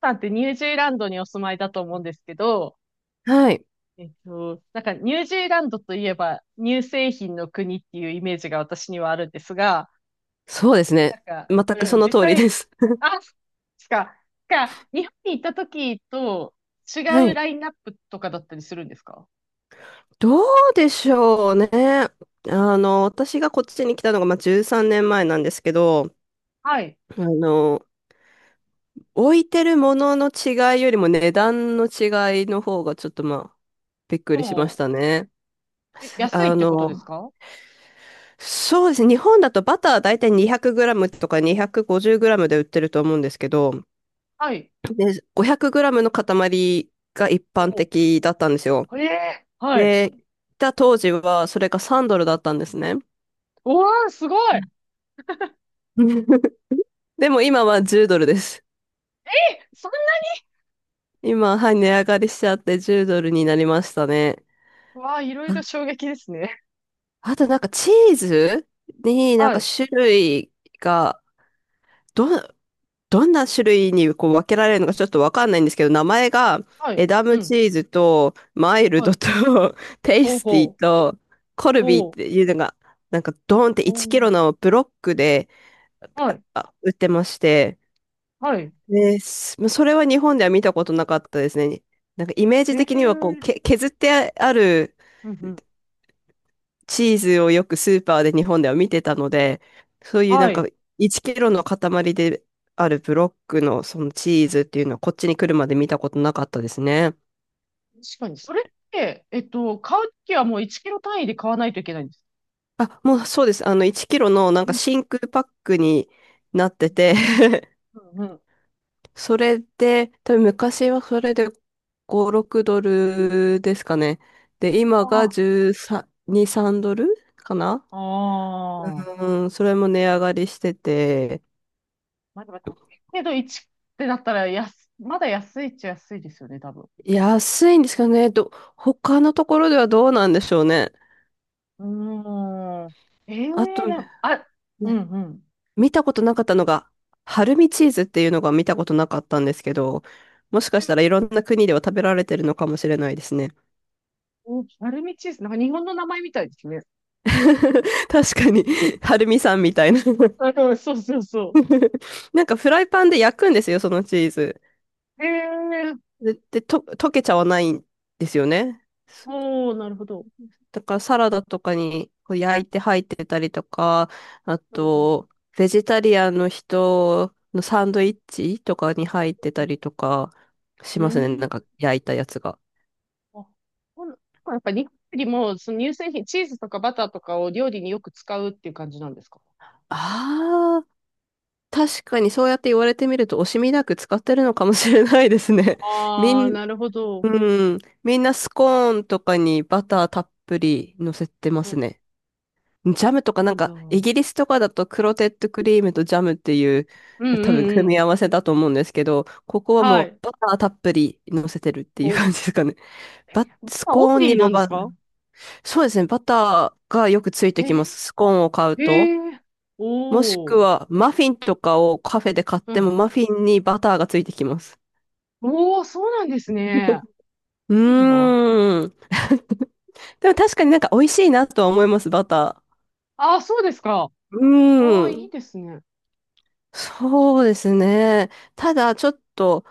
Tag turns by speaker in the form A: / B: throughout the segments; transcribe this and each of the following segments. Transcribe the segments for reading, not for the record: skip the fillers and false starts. A: さんってニュージーランドにお住まいだと思うんですけど、
B: はい。
A: なんかニュージーランドといえば乳製品の国っていうイメージが私にはあるんですが、
B: そうですね。
A: なんか、
B: 全く
A: う
B: そ
A: ん、
B: の
A: 実
B: 通りで
A: 際、
B: す。
A: あ、しか、か、日本に行った時と違
B: は
A: う
B: い。
A: ラインナップとかだったりするんですか？
B: どうでしょうね。私がこっちに来たのが、まあ、13年前なんですけど、
A: はい。
B: あの、置いてるものの違いよりも値段の違いの方がちょっとまあ、びっくり
A: ほ
B: しましたね。
A: う。え、安い
B: あ
A: ってことです
B: の、
A: か？
B: そうですね。日本だとバター大体2 0 0ムとか2 5 0ムで売ってると思うんですけど、
A: はい。
B: で、5 0 0ムの塊が一般
A: ほ
B: 的だったんですよ。
A: う。ええ、はい。
B: で、来た当時はそれが3ドルだったんですね。
A: おー、すごい。え、
B: でも今は10ドルです。
A: そん
B: 今、はい、値上がりしちゃって10ドルになりましたね。
A: な、わあ、いろい
B: あ、
A: ろ衝撃ですね。
B: あとなんかチーズになん
A: は
B: か
A: い。
B: 種類が、ど、どんな種類にこう分けられるのかちょっとわかんないんですけど、名前が
A: はい。
B: エダ
A: う
B: ムチ
A: ん。
B: ーズとマイル
A: は
B: ド
A: い。
B: と テイ
A: ほう
B: スティ
A: ほう。
B: とコルビーっ
A: おう、
B: ていうのが、なんかドーンって
A: お
B: 1キ
A: う、
B: ロのブロックで
A: はい、
B: 売ってまして、
A: はい。
B: です。まあそれは日本では見たことなかったですね。なんかイメージ
A: へ
B: 的にはこう、
A: え、
B: 削ってある
A: うんうん。
B: チーズをよくスーパーで日本では見てたので、そういうな
A: は
B: んか
A: い。
B: 1キロの塊であるブロックのそのチーズっていうのはこっちに来るまで見たことなかったですね。
A: 確かに。それって、買うときはもう1キロ単位で買わないといけないんです
B: あ、もうそうです。あの1キロのなん
A: う
B: か
A: ん
B: 真空パックになって
A: うん。
B: て、
A: うんうん。
B: それで、多分昔はそれで5、6ドルですかね。で、今が
A: あ
B: 13、3ドルかな。
A: あ、ああ。
B: うん、それも値上がりしてて、
A: まあでも高いけど1ってなったら、まだ安いっちゃ安いですよね、多分。
B: 安いんですかね。他のところではどうなんでしょうね。
A: うーん。え
B: あ
A: え
B: と、
A: な、
B: ね、
A: あ、うんうん。
B: 見たことなかったのが、春見チーズっていうのが見たことなかったんですけど、もしかしたらいろんな国では食べられてるのかもしれないですね。
A: お、丸ルミチーズ。なんか日本の名前みたいですね。
B: 確かに、春見さんみたいな。
A: あ、そうそうそうそ
B: なんかフライパンで焼くんですよ、そのチーズ。
A: う。ええー、
B: で、溶けちゃわないんですよね。
A: おー、なるほど。
B: だからサラダとかにこう焼いて入ってたりとか、あ
A: うん
B: と、ベジタリアンの人のサンドイッチとかに入って
A: う
B: た
A: ん。
B: りとかし
A: う
B: ますね、な
A: ん。
B: んか焼いたやつが。
A: あ、ほん、なんかやっぱり日本よりも、その乳製品、チーズとかバターとかを料理によく使うっていう感じなんですか？
B: ああ、確かにそうやって言われてみると惜しみなく使ってるのかもしれないですね。み
A: ああー、
B: ん、
A: なるほど。
B: うん、みんなスコーンとかにバターたっぷり乗せてま
A: うん。
B: すね。ジャムとか
A: な
B: なん
A: んだ。
B: か、
A: う
B: イ
A: ん
B: ギリスとかだとクロテッドクリームとジャムっていう、
A: うん
B: 多分
A: う
B: 組み
A: ん。
B: 合わせだと思うんですけど、ここは
A: は
B: もう
A: い。
B: バターたっぷり乗せてるっていう感
A: お、
B: じですかね。ス
A: あ、オン
B: コーン
A: リ
B: に
A: ーな
B: も
A: んですか？
B: そうですね、バターがよくついて
A: へ
B: き
A: え、
B: ます。スコーンを買うと。
A: へえ、
B: もしく
A: おー。
B: はマフィンとかをカフェで買っ
A: う
B: ても
A: ん。
B: マフィンにバターがついてきます。
A: おー、そうなんですね。
B: う
A: いいな。
B: ーん。でも確かになんか美味しいなとは思います、バタ
A: あー、そうですか。
B: ー。う
A: ああ、い
B: ー
A: い
B: ん。
A: ですね。
B: そうですね。ただ、ちょっと、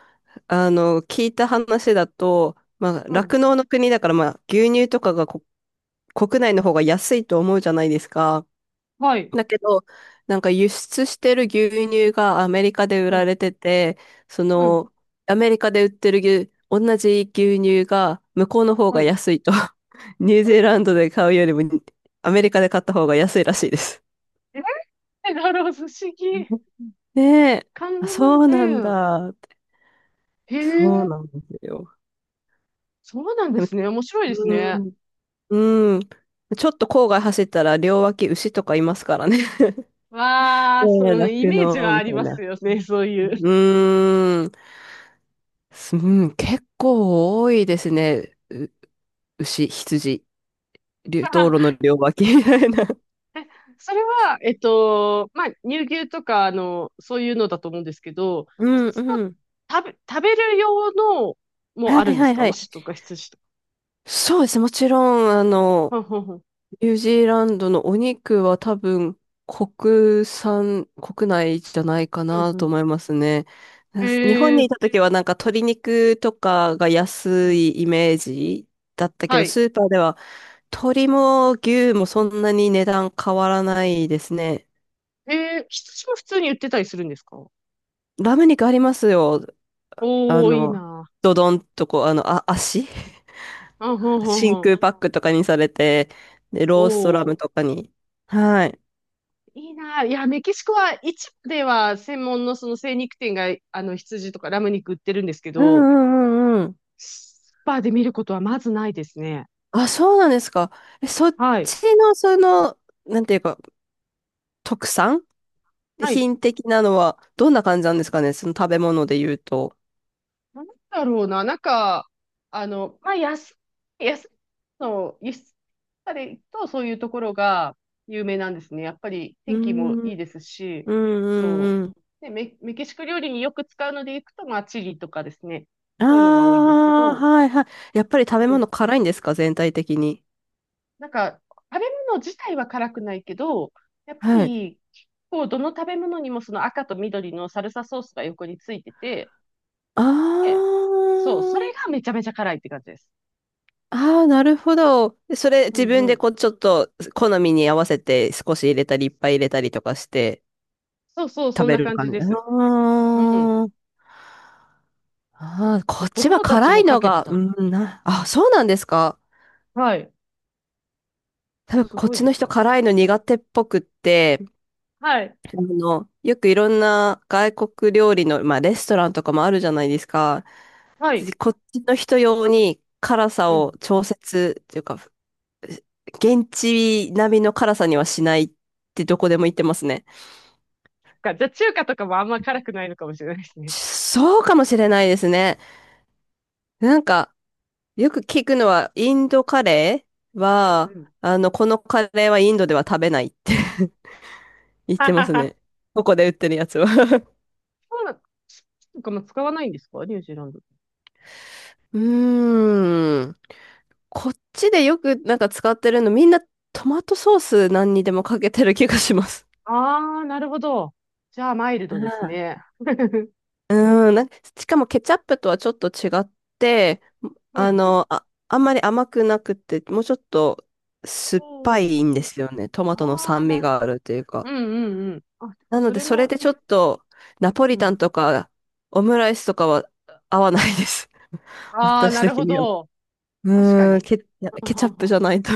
B: 聞いた話だと、まあ、
A: う
B: 酪
A: ん。
B: 農の国だから、まあ、牛乳とかが国内の方が安いと思うじゃないですか。
A: はい。
B: だけど、なんか輸出してる牛乳がアメリカで売
A: う
B: ら
A: ん。
B: れてて、そ
A: うん。
B: の、アメリカで売ってる牛、同じ牛乳が向こうの方
A: は
B: が
A: い。
B: 安いと。ニュージ
A: え、
B: ーランドで買うよりも、アメリカで買った方が安いらしいです。
A: え、なるほど、不思議。
B: ねえ。
A: かんね
B: あ、そうなんだ。
A: え。へ
B: そう
A: え。
B: なんですよ。
A: そうなん
B: で
A: で
B: も、
A: すね。面白いです
B: う
A: ね。
B: ん、うん。ちょっと郊外走ったら両脇牛とかいますからね。
A: わあ、そ
B: ねえ、
A: のイ
B: 酪
A: メージ
B: 農
A: は
B: み
A: あ
B: た
A: り
B: い
A: ます
B: な。
A: よね、そういう。
B: うーん、うん、結構多いですね。牛、羊、道路の 両脇みたいな。
A: あ、それは、まあ、乳牛とか、そういうのだと思うんですけど、
B: う
A: 普
B: ん
A: 通の
B: うん。
A: 食べる用の
B: は
A: もある
B: い
A: んで
B: は
A: す
B: い
A: か？
B: はい。
A: 牛とか羊とか。
B: そうですね、もちろん、
A: ふんふんふん。
B: ニュージーランドのお肉は多分国産、国内じゃないか
A: ふん
B: な
A: う
B: と
A: ん。
B: 思いますね。日本
A: へえ、
B: にいた時はなんか鶏肉とかが
A: う
B: 安
A: ん。
B: いイメージだったけ
A: は
B: ど、
A: い。
B: スーパーでは鶏も牛もそんなに値段変わらないですね。
A: へえ、羊も普通に売ってたりするんですか？
B: ラム肉ありますよ。あ
A: おー、いい
B: の、
A: な。
B: ドドンとこう、あ、足
A: うん、ふん ふんふ
B: 真
A: ん。
B: 空パックとかにされて、で、ローストラ
A: お
B: ムと
A: ー。
B: かに。はい。
A: いいな。いや、メキシコは市場では専門のその精肉店が、羊とかラム肉売ってるんですけ
B: う
A: ど、
B: んうんうんうん。
A: スーパーで見ることはまずないですね。
B: あ、そうなんですか。え、そっ
A: はい。
B: ちの、その、なんていうか、特産
A: はい。
B: 品的なのは、どんな感じなんですかね、その食べ物で言うと。
A: なんだろうな。なんか、まあ、安の輸出されると、そういうところが有名なんですね。やっぱり
B: うー
A: 天気も
B: ん、う
A: い
B: ん、
A: いですし、
B: う
A: と、
B: ん、うん。
A: ね、メキシコ料理によく使うのでいくと、まあ、チリとかですね。
B: あ
A: そういうのが多いんですけ
B: あ、
A: ど、
B: はい、はい。やっぱり食べ物辛いんですか、全体的に。
A: なんか、食べ物自体は辛くないけど、やっぱ
B: はい。
A: り、こう、どの食べ物にもその赤と緑のサルサソースが横についてて、で、
B: あ
A: そう、そ
B: あ、
A: れがめちゃめちゃ辛いって感じです。
B: ああ、なるほど。それ、
A: う
B: 自
A: ん
B: 分
A: う
B: で
A: ん。
B: こう、ちょっと、好みに合わせて、少し入れたり、いっぱい入れたりとかして、
A: そうそう、そ
B: 食
A: ん
B: べ
A: な
B: る
A: 感
B: 感
A: じ
B: じ。
A: です。うん。
B: ああ。ああ、こっ
A: 子
B: ちは
A: 供たち
B: 辛
A: も
B: い
A: か
B: の
A: けて
B: が、
A: た。
B: うん、な、
A: う
B: あ、
A: ん。
B: そうなんですか。
A: はい。
B: 多分
A: す
B: こっ
A: ごい
B: ち
A: で
B: の
A: す
B: 人
A: よ。
B: 辛いの苦手っぽくって、
A: はい。
B: よくいろんな外国料理の、まあレストランとかもあるじゃないですか。
A: はい。
B: こっちの人用に辛さ
A: う
B: を
A: ん。
B: 調節っていうか、現地並みの辛さにはしないってどこでも言ってますね。
A: じゃあ中華とかもあんま辛くないのかもしれないですね。
B: そうかもしれないですね。なんか、よく聞くのは、インドカレー
A: うんう
B: は、
A: ん。
B: このカレーはインドでは食べないって。言っ
A: は
B: てま
A: は
B: す
A: は。
B: ね。ここで売ってるやつは。
A: そうなの。とかも使わないんですか、ニュージーランド？
B: うーん。こっちでよくなんか使ってるの、みんなトマトソース何にでもかけてる気がします。
A: ああ、なるほど。じゃあ、マイル
B: あ
A: ドです
B: あ、
A: ね。
B: うーん。なんかしかもケチャップとはちょっと違って、
A: うんうん。
B: あ、あんまり甘くなくて、もうちょっと酸っぱ
A: そ
B: いん
A: う。
B: ですよね。トマトの
A: ああ、
B: 酸味
A: なる。
B: があるという
A: う
B: か。
A: んうんうん。あ、でも
B: なの
A: そ
B: で、
A: れ
B: それ
A: も
B: で
A: いい
B: ちょ
A: で
B: っ
A: す。
B: とナポリ
A: う
B: タン
A: ん。
B: とかオムライスとかは合わないです。
A: ああ、
B: 私
A: なる
B: 的
A: ほ
B: には。
A: ど。確か
B: うーん、
A: に。
B: いや
A: あ
B: ケチ
A: は
B: ャップじ
A: は。
B: ゃないと。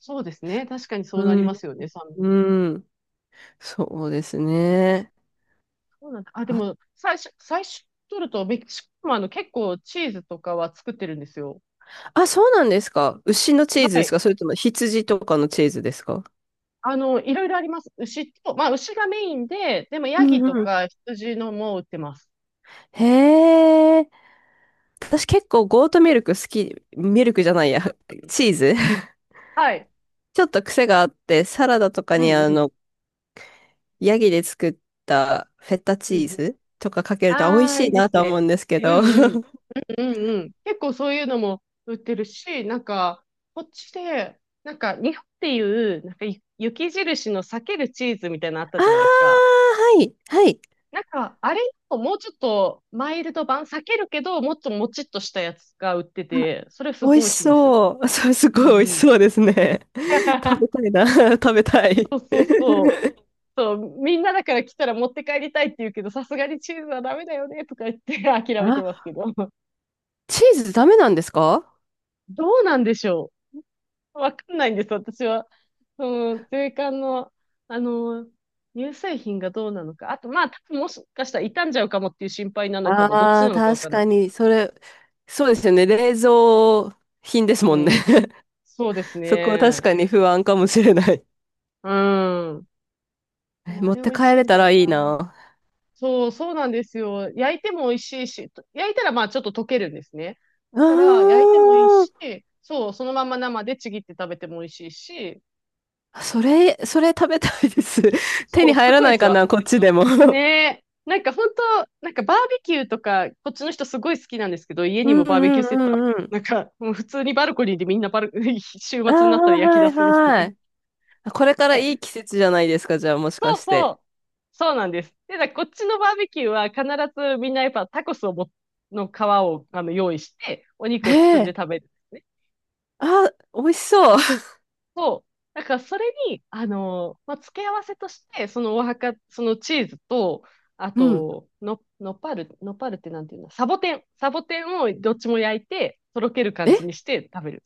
A: そうですね。確かにそう
B: う
A: なり
B: ん、
A: ますよね、酸味。
B: うん。そうですね。
A: そうなんだ。あ、で
B: あ、
A: も、最初取ると、メキシコも結構チーズとかは作ってるんですよ。
B: あ、そうなんですか。牛のチーズ
A: は
B: です
A: い。
B: か、それとも羊とかのチーズですか。
A: いろいろあります。牛と、まあ、牛がメインで、でも、
B: う
A: ヤギ
B: ん
A: と
B: うん。
A: か羊のも売ってます。
B: へえ。私結構ゴートミルク好き、ミルクじゃないや、チーズ。
A: はい。
B: ちょっと癖があって、サラダとか
A: う
B: に
A: んうん。
B: ヤギで作ったフェッタ
A: う
B: チ
A: んう
B: ーズとかかけ
A: ん。
B: ると美味
A: ああ、
B: し
A: い
B: い
A: いで
B: な
A: す
B: と思
A: ね。
B: うんですけ
A: うん
B: ど。あ
A: うん。うんうん。結構そういうのも売ってるし、なんか、こっちで、なんか、日本っていう、なんか、雪印の裂けるチーズみたいなのあった
B: あ、は
A: じゃないですか。
B: い、はい。
A: なんか、あれのもうちょっとマイルド版、裂けるけど、もっともちっとしたやつが売ってて、それす
B: 美
A: ご
B: 味し
A: い美味しいんですよ。
B: そう。それす
A: う
B: ごい美
A: んう
B: 味し
A: ん。
B: そうですね。食 べたいな。食べたい。
A: そうそうそう。そう、みんなだから来たら持って帰りたいって言うけど、さすがにチーズはダメだよね、とか言って諦めてます
B: あ、
A: けど。
B: チーズダメなんですか。
A: どうなんでしょう、わかんないんです、私は。その、税関の、あの、乳製品がどうなのか。あと、まあ、多分もしかしたら傷んじゃうかもっていう心配なのかも、どっち
B: ああ
A: な
B: ー、
A: のかわ
B: 確
A: かんない。
B: かに、それ、そうですよね。冷蔵品です
A: う
B: もんね。
A: ん。そうです
B: そこは確
A: ね。
B: かに不安かもしれない。
A: うん。で
B: え、
A: も、あ
B: 持っ
A: れ美
B: て
A: 味し
B: 帰
A: い
B: れ
A: ん
B: た
A: だよ
B: らいい
A: な。
B: な。
A: そう、そうなんですよ。焼いても美味しいし、と焼いたらまあちょっと溶けるんですね。
B: う
A: だから、焼いてもいい
B: ーん。
A: し、そう、そのまま生でちぎって食べても美味しいし、
B: それ食べたいです。手
A: そ
B: に
A: う、
B: 入
A: す
B: ら
A: ごい
B: な
A: で
B: い
A: す
B: か
A: よ。
B: な、こっちでも。
A: ね え。なんか本当、なんかバーベキューとか、こっちの人すごい好きなんですけど、家
B: う
A: にも
B: んう
A: バーベキュ
B: ん
A: ーセットあ、
B: うんうん。
A: なんか、もう普通にバルコニーでみんな週
B: ああ、
A: 末になったら焼き
B: は
A: 出
B: い
A: すんです
B: は
A: ね。
B: い。これから
A: え、
B: いい季節じゃないですか、じゃあもしか
A: そう
B: し
A: そ
B: て。
A: う。そうなんです。で、だからこっちのバーベキューは必ずみんなやっぱタコスをも、の皮を用意して、お肉
B: へ
A: を包んで
B: え、
A: 食べる。
B: あ、美味しそう。
A: そう。だからそれに、まあ、付け合わせとして、そのお墓、そのチーズと、あ
B: うん。
A: と、の、のパぱのっぱってなんていうの、サボテン。サボテンをどっちも焼いて、とろける感じに
B: え、
A: して食べる。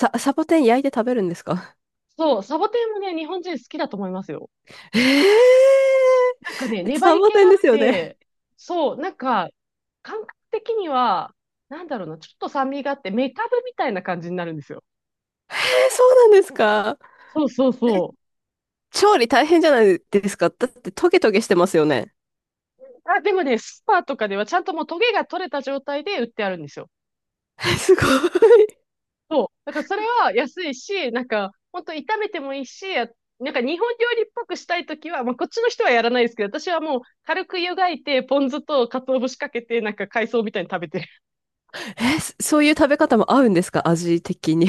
B: サボテン焼いて食べるんですか。
A: そう、サボテンもね、日本人好きだと思いますよ。
B: へえ、
A: なんかね、粘
B: サ
A: り
B: ボ
A: 気
B: テ
A: が
B: ン
A: あっ
B: ですよね。
A: て、そう、なんか、感覚的には、なんだろうな、ちょっと酸味があって、メカブみたいな感じになるんですよ。
B: へえ、そうなんですか。
A: そうそうそう。
B: 調理大変じゃないですか。だってトゲトゲしてますよね。
A: あ、でもね、スーパーとかではちゃんともうトゲが取れた状態で売ってあるんですよ。
B: え、すごい。
A: そう。だからそれは安いし、なんか、ほんと炒めてもいいし、なんか日本料理っぽくしたいときは、まあこっちの人はやらないですけど、私はもう軽く湯がいて、ポン酢と鰹節かけて、なんか海藻みたいに食べてる。
B: え、そういう食べ方も合うんですか、味的に。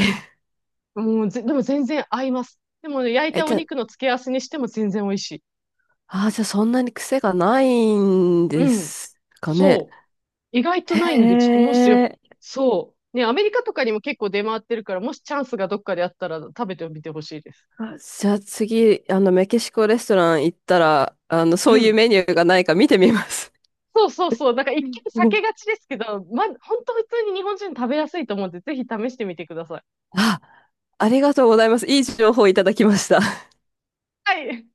A: もうぜ、でも全然合います。でもね、焼い
B: え、
A: たお
B: じゃ
A: 肉の付け合わせにしても全然美味しい。
B: あ、そんなに癖がないんで
A: うん。
B: すかね。
A: そう。意外と
B: へ
A: ないんで、ちょっともしよ、
B: え。
A: そう。ね、アメリカとかにも結構出回ってるから、もしチャンスがどっかであったら食べてみてほしいです。
B: あ、じゃあ次、メキシコレストラン行ったら、そ
A: う
B: ういう
A: ん。
B: メニューがないか見てみます。
A: そうそうそう。なんか
B: う
A: 一
B: ん
A: 見避
B: うん。
A: けがちですけど、ま、本当普通に日本人食べやすいと思うんで、ぜひ試してみてください。
B: あ、ありがとうございます。いい情報いただきました。
A: はい。